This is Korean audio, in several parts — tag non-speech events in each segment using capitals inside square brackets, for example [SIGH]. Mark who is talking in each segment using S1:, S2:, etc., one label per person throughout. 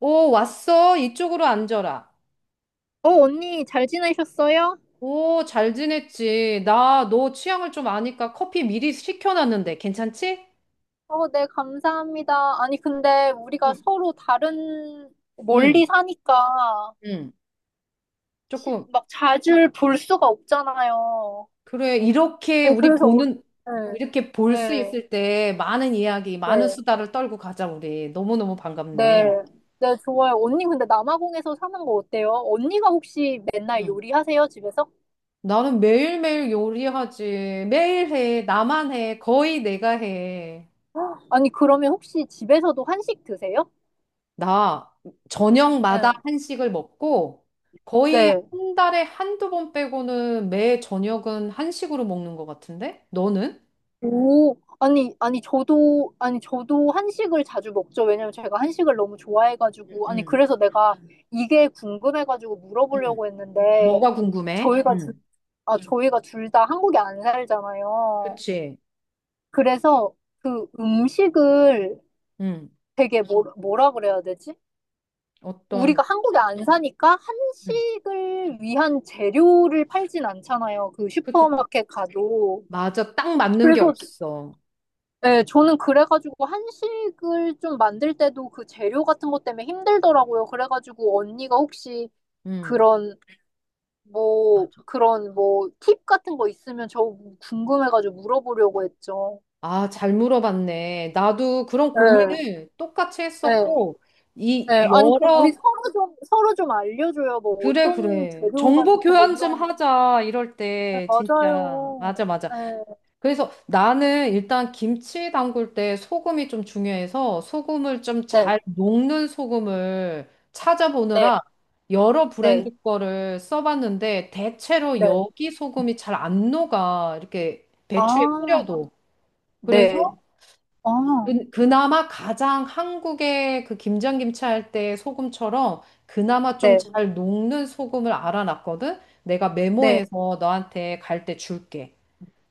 S1: 오, 왔어. 이쪽으로 앉아라.
S2: 언니, 잘 지내셨어요?
S1: 오, 잘 지냈지. 나 너 취향을 좀 아니까 커피 미리 시켜놨는데 괜찮지?
S2: 네, 감사합니다. 아니, 근데 우리가
S1: 응,
S2: 서로
S1: 응,
S2: 멀리 사니까,
S1: 응. 조금,
S2: 막 자주 볼 수가 없잖아요.
S1: 그래. 이렇게
S2: 아니
S1: 우리
S2: 그래서,
S1: 보는,
S2: 네,
S1: 이렇게 볼 수
S2: 네,
S1: 있을 때 많은 이야기, 많은
S2: 네,
S1: 수다를 떨고 가자, 우리. 너무너무 반갑네.
S2: 네, 네, 좋아요. 언니, 근데 남아공에서 사는 거 어때요? 언니가 혹시 맨날
S1: 응.
S2: 요리하세요, 집에서?
S1: 나는 매일매일 요리하지. 매일 해. 나만 해. 거의 내가 해.
S2: 아니, 그러면 혹시 집에서도 한식 드세요?
S1: 나
S2: 네,
S1: 저녁마다 한식을 먹고 거의
S2: 네.
S1: 한 달에 한두 번 빼고는 매 저녁은 한식으로 먹는 것 같은데? 너는?
S2: 오, 저도, 아니, 저도 한식을 자주 먹죠. 왜냐면 제가 한식을 너무 좋아해가지고. 아니,
S1: 응.
S2: 그래서 내가 이게 궁금해가지고
S1: 응.
S2: 물어보려고 했는데,
S1: 뭐가 궁금해?
S2: 저희가, 둘-
S1: 응.
S2: 아, 저희가 둘 다 한국에 안 살잖아요.
S1: 그치.
S2: 그래서 그 음식을
S1: 응.
S2: 되게 뭐라 그래야 되지?
S1: 어떤,
S2: 우리가 한국에 안 사니까
S1: 응.
S2: 한식을 위한 재료를 팔진 않잖아요. 그
S1: 그치.
S2: 슈퍼마켓 가도.
S1: 맞아. 딱 맞는 게
S2: 그래서
S1: 없어.
S2: 네, 저는 그래가지고 한식을 좀 만들 때도 그 재료 같은 것 때문에 힘들더라고요. 그래가지고 언니가 혹시
S1: 응.
S2: 그런 뭐
S1: 맞아.
S2: 그런 뭐 팁 같은 거 있으면 저 궁금해가지고 물어보려고 했죠.
S1: 아, 잘 물어봤네. 나도 그런
S2: 네,
S1: 고민을 똑같이
S2: 네,
S1: 했었고, 이
S2: 네. 아니 그럼 우리
S1: 여러
S2: 서로 좀 알려줘요. 뭐
S1: 그래,
S2: 어떤
S1: 그래.
S2: 재료가
S1: 정보
S2: 좋고 뭐
S1: 교환 좀
S2: 이런.
S1: 하자, 이럴
S2: 네,
S1: 때,
S2: 맞아요.
S1: 진짜. 맞아, 맞아.
S2: 네,
S1: 그래서 나는 일단 김치 담글 때 소금이 좀 중요해서 소금을 좀
S2: 네,
S1: 잘 녹는 소금을
S2: 네,
S1: 찾아보느라 여러 브랜드
S2: 네,
S1: 거를 써봤는데 대체로
S2: 네.
S1: 여기 소금이 잘 안 녹아. 이렇게 배추에
S2: 아,
S1: 뿌려도. 그래서
S2: 네, 아,
S1: 그나마 가장 한국의 그 김장김치 할 때 소금처럼 그나마 좀
S2: 네,
S1: 잘 녹는 소금을 알아놨거든? 내가
S2: 네.
S1: 메모해서 너한테 갈 때 줄게.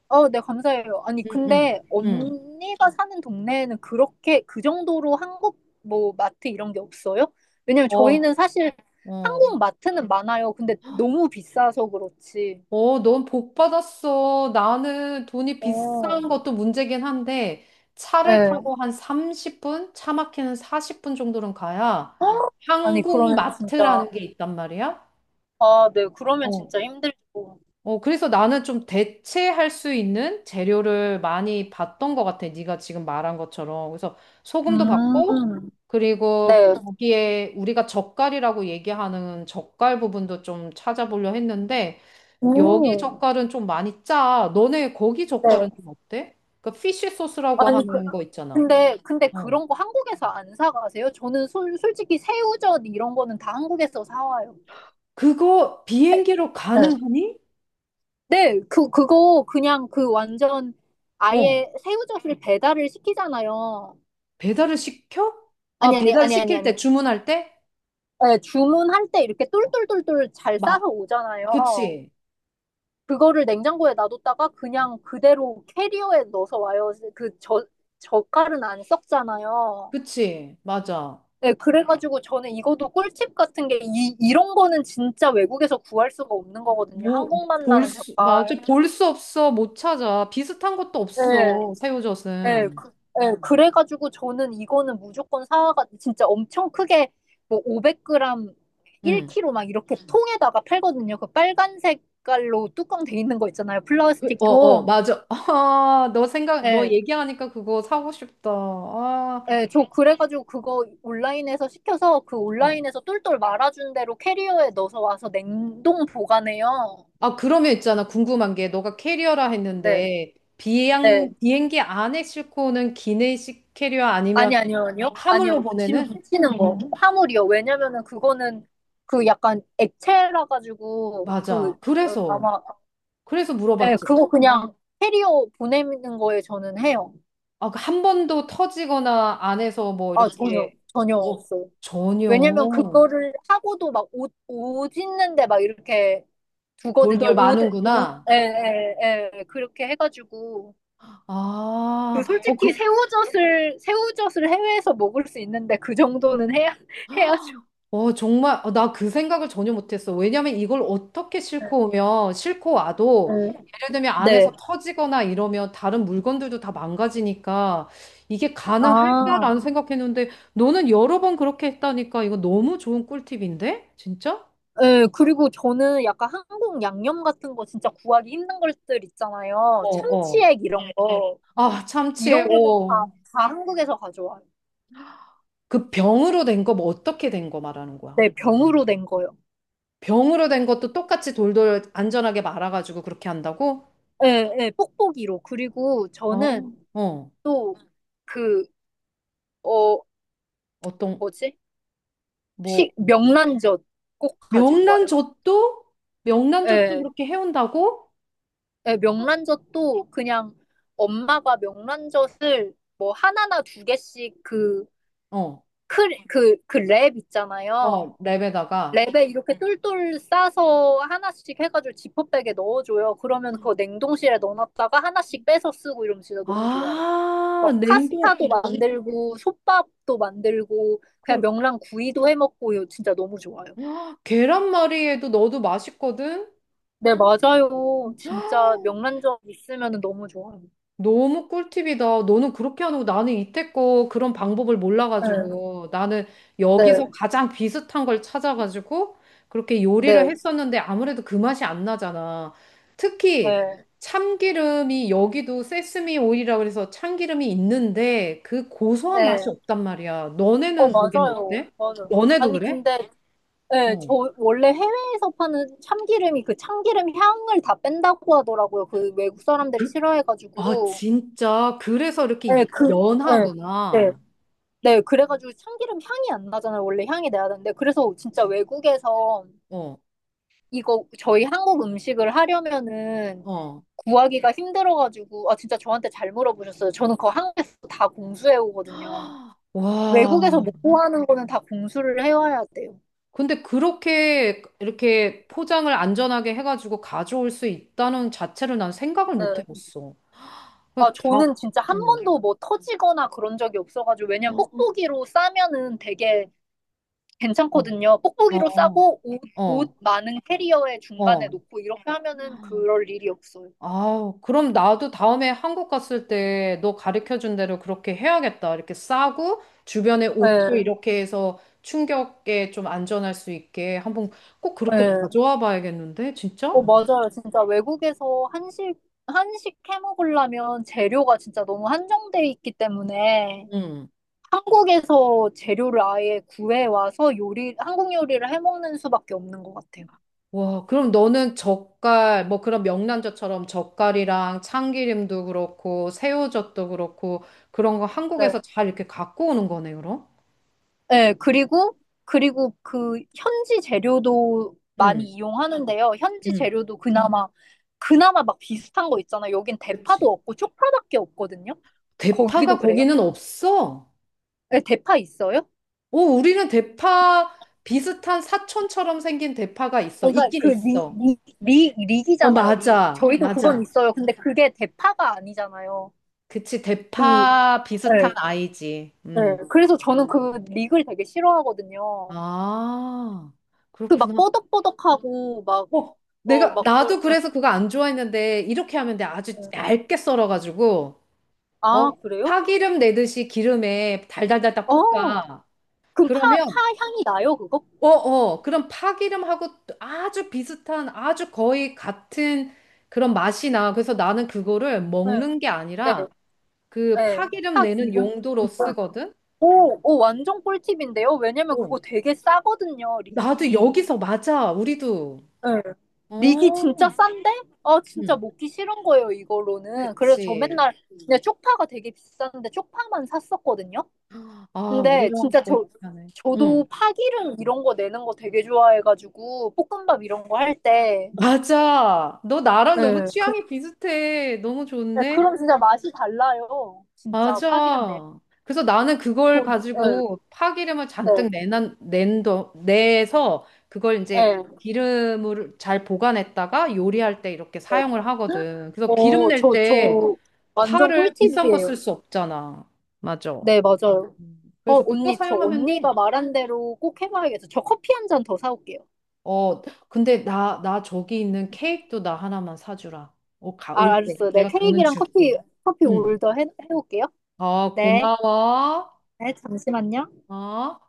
S2: 네, 감사해요. 아니,
S1: 응, 응,
S2: 근데
S1: 응.
S2: 언니가 사는 동네에는 그렇게 그 정도로 한국 뭐 마트 이런 게 없어요? 왜냐면
S1: 어,
S2: 저희는 사실
S1: 어.
S2: 한국 마트는 많아요. 근데 너무 비싸서 그렇지.
S1: 어, 넌 복 받았어. 나는 돈이
S2: 어,
S1: 비싼 것도 문제긴 한데 차를
S2: 네.
S1: 타고 한 30분? 차 막히는 40분 정도는 가야
S2: 아니,
S1: 한국
S2: 그러면 진짜,
S1: 마트라는 게 있단 말이야?
S2: 아, 네, 그러면
S1: 어.
S2: 진짜 힘들고.
S1: 어, 그래서 나는 좀 대체할 수 있는 재료를 많이 봤던 것 같아. 네가 지금 말한 것처럼. 그래서 소금도 봤고,
S2: 음,
S1: 그리고
S2: 네.
S1: 거기에 우리가 젓갈이라고 얘기하는 젓갈 부분도 좀 찾아보려 했는데, 여기
S2: 오,
S1: 젓갈은 좀 많이 짜. 너네 거기 젓갈은
S2: 네.
S1: 좀 어때? 그 피쉬 소스라고
S2: 아니, 그,
S1: 하는 거 있잖아.
S2: 근데
S1: 어.
S2: 그런 거 한국에서 안 사가세요? 저는 솔직히 새우젓 이런 거는 다 한국에서 사와요.
S1: 그거 비행기로
S2: 네.
S1: 가능하니?
S2: 네, 그거 그냥 그 완전
S1: 어.
S2: 아예 새우젓을 배달을 시키잖아요.
S1: 배달을 시켜? 아, 배달 시킬 때
S2: 아니.
S1: 주문할 때?
S2: 네, 주문할 때 이렇게 똘똘똘똘 잘
S1: 막,
S2: 싸서 오잖아요.
S1: 그치.
S2: 그거를 냉장고에 놔뒀다가
S1: 어.
S2: 그냥 그대로 캐리어에 넣어서 와요. 젓갈은 안 썩잖아요.
S1: 그치, 맞아.
S2: 네, 그래가지고 저는 이것도 꿀팁 같은 게 이런 거는 진짜 외국에서 구할 수가 없는 거거든요.
S1: 뭐,
S2: 한국만
S1: 볼
S2: 나는
S1: 수, 맞아.
S2: 젓갈.
S1: 볼 수 없어. 못 찾아. 비슷한 것도
S2: 네.
S1: 없어.
S2: 예,
S1: 새우젓은.
S2: 그, 예, 그래가지고 저는 이거는 무조건 사와가 진짜 엄청 크게 뭐 500g,
S1: 응.
S2: 1kg 막 이렇게 통에다가 팔거든요. 그 빨간 색깔로 뚜껑 돼 있는 거 있잖아요.
S1: 그,
S2: 플라스틱
S1: 어, 어,
S2: 통.
S1: 맞아. [LAUGHS] 아, 너 생각, 너
S2: 예,
S1: 얘기하니까 그거 사고 싶다. 아,
S2: 예, 저 그래가지고 그거 온라인에서 시켜서 그
S1: 어.
S2: 온라인에서 똘똘 말아준 대로 캐리어에 넣어서 와서 냉동 보관해요.
S1: 아, 그러면 있잖아. 궁금한 게, 너가 캐리어라
S2: 네,
S1: 했는데,
S2: 네.
S1: 비행기 안에 싣고 오는 기내식 캐리어 아니면
S2: 아니, 아니요, 아니요.
S1: 하물로
S2: 아니요. 짐
S1: 보내는?
S2: 붙이는 거. 화물이요. 왜냐면은 그거는 그 약간 액체라 가지고
S1: 맞아. 그래서,
S2: 아마
S1: 그래서
S2: 예,
S1: 물어봤지.
S2: 그거 그냥 캐리어 보내는 거에 저는 해요.
S1: 아, 그한 번도 터지거나 안에서 뭐
S2: 아,
S1: 이렇게,
S2: 전혀
S1: 어,
S2: 없어요.
S1: 전혀
S2: 왜냐면 그거를 하고도 막 옷 있는데 막 이렇게 두거든요.
S1: 돌돌
S2: 옷,
S1: 마는구나.
S2: 예, 예. 그렇게 해가지고.
S1: 아,
S2: 그
S1: 어, 그,
S2: 솔직히 새우젓을 해외에서 먹을 수 있는데 그 정도는 해야 [LAUGHS] 해야죠.
S1: 어, 정말, 어, 나그 생각을 전혀 못했어. 왜냐면 이걸 어떻게 싣고 오면, 싣고
S2: 네.
S1: 와도, 예를 들면 안에서
S2: 네.
S1: 터지거나 이러면 다른 물건들도 다 망가지니까 이게
S2: 아,
S1: 가능할까라는 생각했는데, 너는 여러 번 그렇게 했다니까 이거 너무 좋은 꿀팁인데? 진짜?
S2: 예, 그리고 저는 약간 한국 양념 같은 거 진짜 구하기 힘든 것들 있잖아요.
S1: 어, 어.
S2: 참치액 이런 거.
S1: 아, 참치에,
S2: 이런 거는
S1: 어.
S2: 다 한국에서 가져와요.
S1: 그 병으로 된 거 뭐 어떻게 된 거 말하는 거야?
S2: 네, 병으로 된 거요.
S1: 병으로 된 것도 똑같이 돌돌 안전하게 말아가지고 그렇게 한다고?
S2: 예, 예, 뽁뽁이로. 그리고
S1: 어,
S2: 저는
S1: 어,
S2: 또 그, 어,
S1: 어떤
S2: 뭐지?
S1: 뭐
S2: 명란젓 꼭 가지고 와요.
S1: 명란젓도 명란젓도
S2: 예,
S1: 그렇게 해온다고?
S2: 예, 명란젓도 그냥 엄마가 명란젓을 뭐 하나나 두 개씩
S1: 어,
S2: 크, 그 랩 있잖아요.
S1: 어, 랩에다가
S2: 랩에 이렇게 똘똘 싸서 하나씩 해가지고 지퍼백에 넣어줘요. 그러면 그거 냉동실에 넣어놨다가 하나씩 빼서 쓰고 이러면 진짜 너무 좋아요.
S1: 아
S2: 막
S1: 냉동
S2: 파스타도 만들고, 솥밥도 만들고, 그냥
S1: 그
S2: 명란 구이도 해먹고, 이거 진짜 너무 좋아요.
S1: 계란말이에도 넣어도 맛있거든.
S2: 네, 맞아요. 진짜 명란젓 있으면 너무 좋아요.
S1: 너무 꿀팁이다. 너는 그렇게 안 하고 나는 이때껏 그런 방법을
S2: 네,
S1: 몰라가지고 나는 여기서
S2: 네,
S1: 가장 비슷한 걸 찾아가지고 그렇게 요리를
S2: 네,
S1: 했었는데 아무래도 그 맛이 안 나잖아. 특히
S2: 네,
S1: 참기름이 여기도 세스미 오일이라 그래서 참기름이 있는데 그 고소한 맛이
S2: 네.
S1: 없단 말이야.
S2: 어,
S1: 너네는 거기는
S2: 맞아요.
S1: 어때?
S2: 맞아요.
S1: 너네도
S2: 아니,
S1: 그래?
S2: 근데 네, 저
S1: 어.
S2: 원래 해외에서 파는 참기름이 그 참기름 향을 다 뺀다고 하더라고요. 그 외국 사람들이
S1: 아,
S2: 싫어해가지고.
S1: 진짜. 그래서
S2: 네,
S1: 이렇게
S2: 네, 네.
S1: 연하구나.
S2: 네, 그래가지고 참기름 향이 안 나잖아요. 원래 향이 나야 되는데. 그래서 진짜
S1: 그치?
S2: 외국에서
S1: 어,
S2: 이거 저희 한국 음식을 하려면은
S1: 어.
S2: 구하기가 힘들어가지고, 아, 진짜 저한테 잘 물어보셨어요. 저는 그거 한국에서 다 공수해 오거든요.
S1: [GASPS] 와,
S2: 외국에서 못 구하는 거는 다 공수를 해와야 돼요.
S1: 근데 그렇게 이렇게 포장을 안전하게 해가지고 가져올 수 있다는 자체를 난 생각을 못
S2: 네.
S1: 해봤어.
S2: 아,
S1: 그 다,
S2: 저는 진짜 한
S1: 음.
S2: 번도 뭐 터지거나 그런 적이 없어가지고, 왜냐면 뽁뽁이로 싸면은 되게
S1: 어,
S2: 괜찮거든요. 뽁뽁이로
S1: 어,
S2: 싸고 옷
S1: 어,
S2: 많은 캐리어의 중간에
S1: 어.
S2: 놓고 이렇게 하면은 그럴 일이 없어요.
S1: 아, 그럼 나도 다음에 한국 갔을 때 너 가르쳐준 대로 그렇게 해야겠다. 이렇게 싸고 주변에 옷도
S2: 네,
S1: 이렇게 해서 충격에 좀 안전할 수 있게 한번 꼭 그렇게
S2: 네.
S1: 가져와 봐야겠는데,
S2: 어,
S1: 진짜?
S2: 맞아요. 진짜 외국에서 한식 해 먹으려면 재료가 진짜 너무 한정돼 있기 때문에
S1: 응.
S2: 한국에서 재료를 아예 구해와서 한국 요리를 해 먹는 수밖에 없는 것 같아요.
S1: 와, 그럼 너는 젓갈, 뭐 그런 명란젓처럼 젓갈이랑 참기름도 그렇고, 새우젓도 그렇고, 그런 거 한국에서 잘 이렇게 갖고 오는 거네, 그럼?
S2: 네, 그리고, 그리고 그 현지 재료도 많이
S1: 응,
S2: 이용하는데요.
S1: 응,
S2: 그나마 막 비슷한 거 있잖아요. 여긴
S1: 그치.
S2: 대파도 없고 쪽파밖에 없거든요. 거기도
S1: 대파가
S2: 그래요?
S1: 거기는 없어.
S2: 네, 대파 있어요?
S1: 오, 우리는 대파 비슷한 사촌처럼 생긴 대파가 있어.
S2: 그러니까
S1: 있긴
S2: 그
S1: 있어. 어,
S2: 릭이잖아요, 릭.
S1: 맞아,
S2: 저희도 그건
S1: 맞아.
S2: 있어요. 근데 그게 대파가 아니잖아요.
S1: 그치,
S2: 그,
S1: 대파
S2: 네,
S1: 비슷한 아이지.
S2: 네.
S1: 음.
S2: 그래서 저는 그 릭을 되게 싫어하거든요.
S1: 아,
S2: 그 막
S1: 그렇구나.
S2: 뻐덕뻐덕하고 막,
S1: 어,
S2: 어,
S1: 내가,
S2: 막, 그-
S1: 나도 그래서 그거 안 좋아했는데, 이렇게 하면 돼. 아주 얇게 썰어가지고,
S2: 아,
S1: 어,
S2: 그래요?
S1: 파기름 내듯이 기름에 달달달달
S2: 어.
S1: 볶아.
S2: 그럼
S1: 그러면,
S2: 파 향이 나요, 그거?
S1: 어, 어, 그럼 파기름하고 아주 비슷한, 아주 거의 같은 그런 맛이 나. 그래서 나는 그거를
S2: 네,
S1: 먹는 게
S2: 네,
S1: 아니라, 그
S2: 네.
S1: 파기름
S2: 파
S1: 내는
S2: 기름.
S1: 용도로 쓰거든?
S2: 오, 완전 꿀팁인데요? 왜냐면
S1: 어.
S2: 그거 되게 싸거든요,
S1: 나도
S2: 릭이.
S1: 여기서 맞아, 우리도.
S2: 네. 릭이 진짜
S1: 어,
S2: 싼데? 아, 진짜
S1: 응,
S2: 먹기 싫은 거예요, 이걸로는. 그래서 저
S1: 그치.
S2: 맨날, 그냥 쪽파가 되게 비싼데 쪽파만 샀었거든요?
S1: 아,
S2: 근데
S1: 우리랑
S2: 진짜
S1: 거의 비슷하네.
S2: 저도
S1: 응.
S2: 파기름 이런 거 내는 거 되게 좋아해가지고, 볶음밥 이런 거 할 때.
S1: 맞아. 너 나랑 너무
S2: 네.
S1: 취향이 비슷해. 너무
S2: 네,
S1: 좋은데?
S2: 그럼 진짜 맛이 달라요. 진짜 파기름 내.
S1: 맞아. 그래서 나는 그걸
S2: 네.
S1: 가지고 파기름을
S2: 네.
S1: 잔뜩 내난, 낸도, 내서 그걸 이제
S2: 네.
S1: 기름을 잘 보관했다가 요리할 때 이렇게 사용을
S2: 네.
S1: 하거든. 그래서 기름
S2: 오,
S1: 낼 때
S2: 완전
S1: 파를 비싼 거
S2: 꿀팁이에요.
S1: 쓸 수 없잖아. 맞아.
S2: 네, 맞아요. 어,
S1: 그래서 그거
S2: 언니, 저
S1: 사용하면
S2: 언니가
S1: 돼.
S2: 말한 대로 꼭 해봐야겠어. 저 커피 한 잔 더 사올게요.
S1: 어, 근데 나, 나 저기 있는 케이크도 나 하나만 사주라. 어, 가, 올
S2: 아,
S1: 때.
S2: 알았어요. 네,
S1: 내가 돈은
S2: 케이크랑
S1: 줄게.
S2: 커피
S1: 응.
S2: 해올게요.
S1: 어,
S2: 네.
S1: 고마워.
S2: 네, 잠시만요.
S1: 어?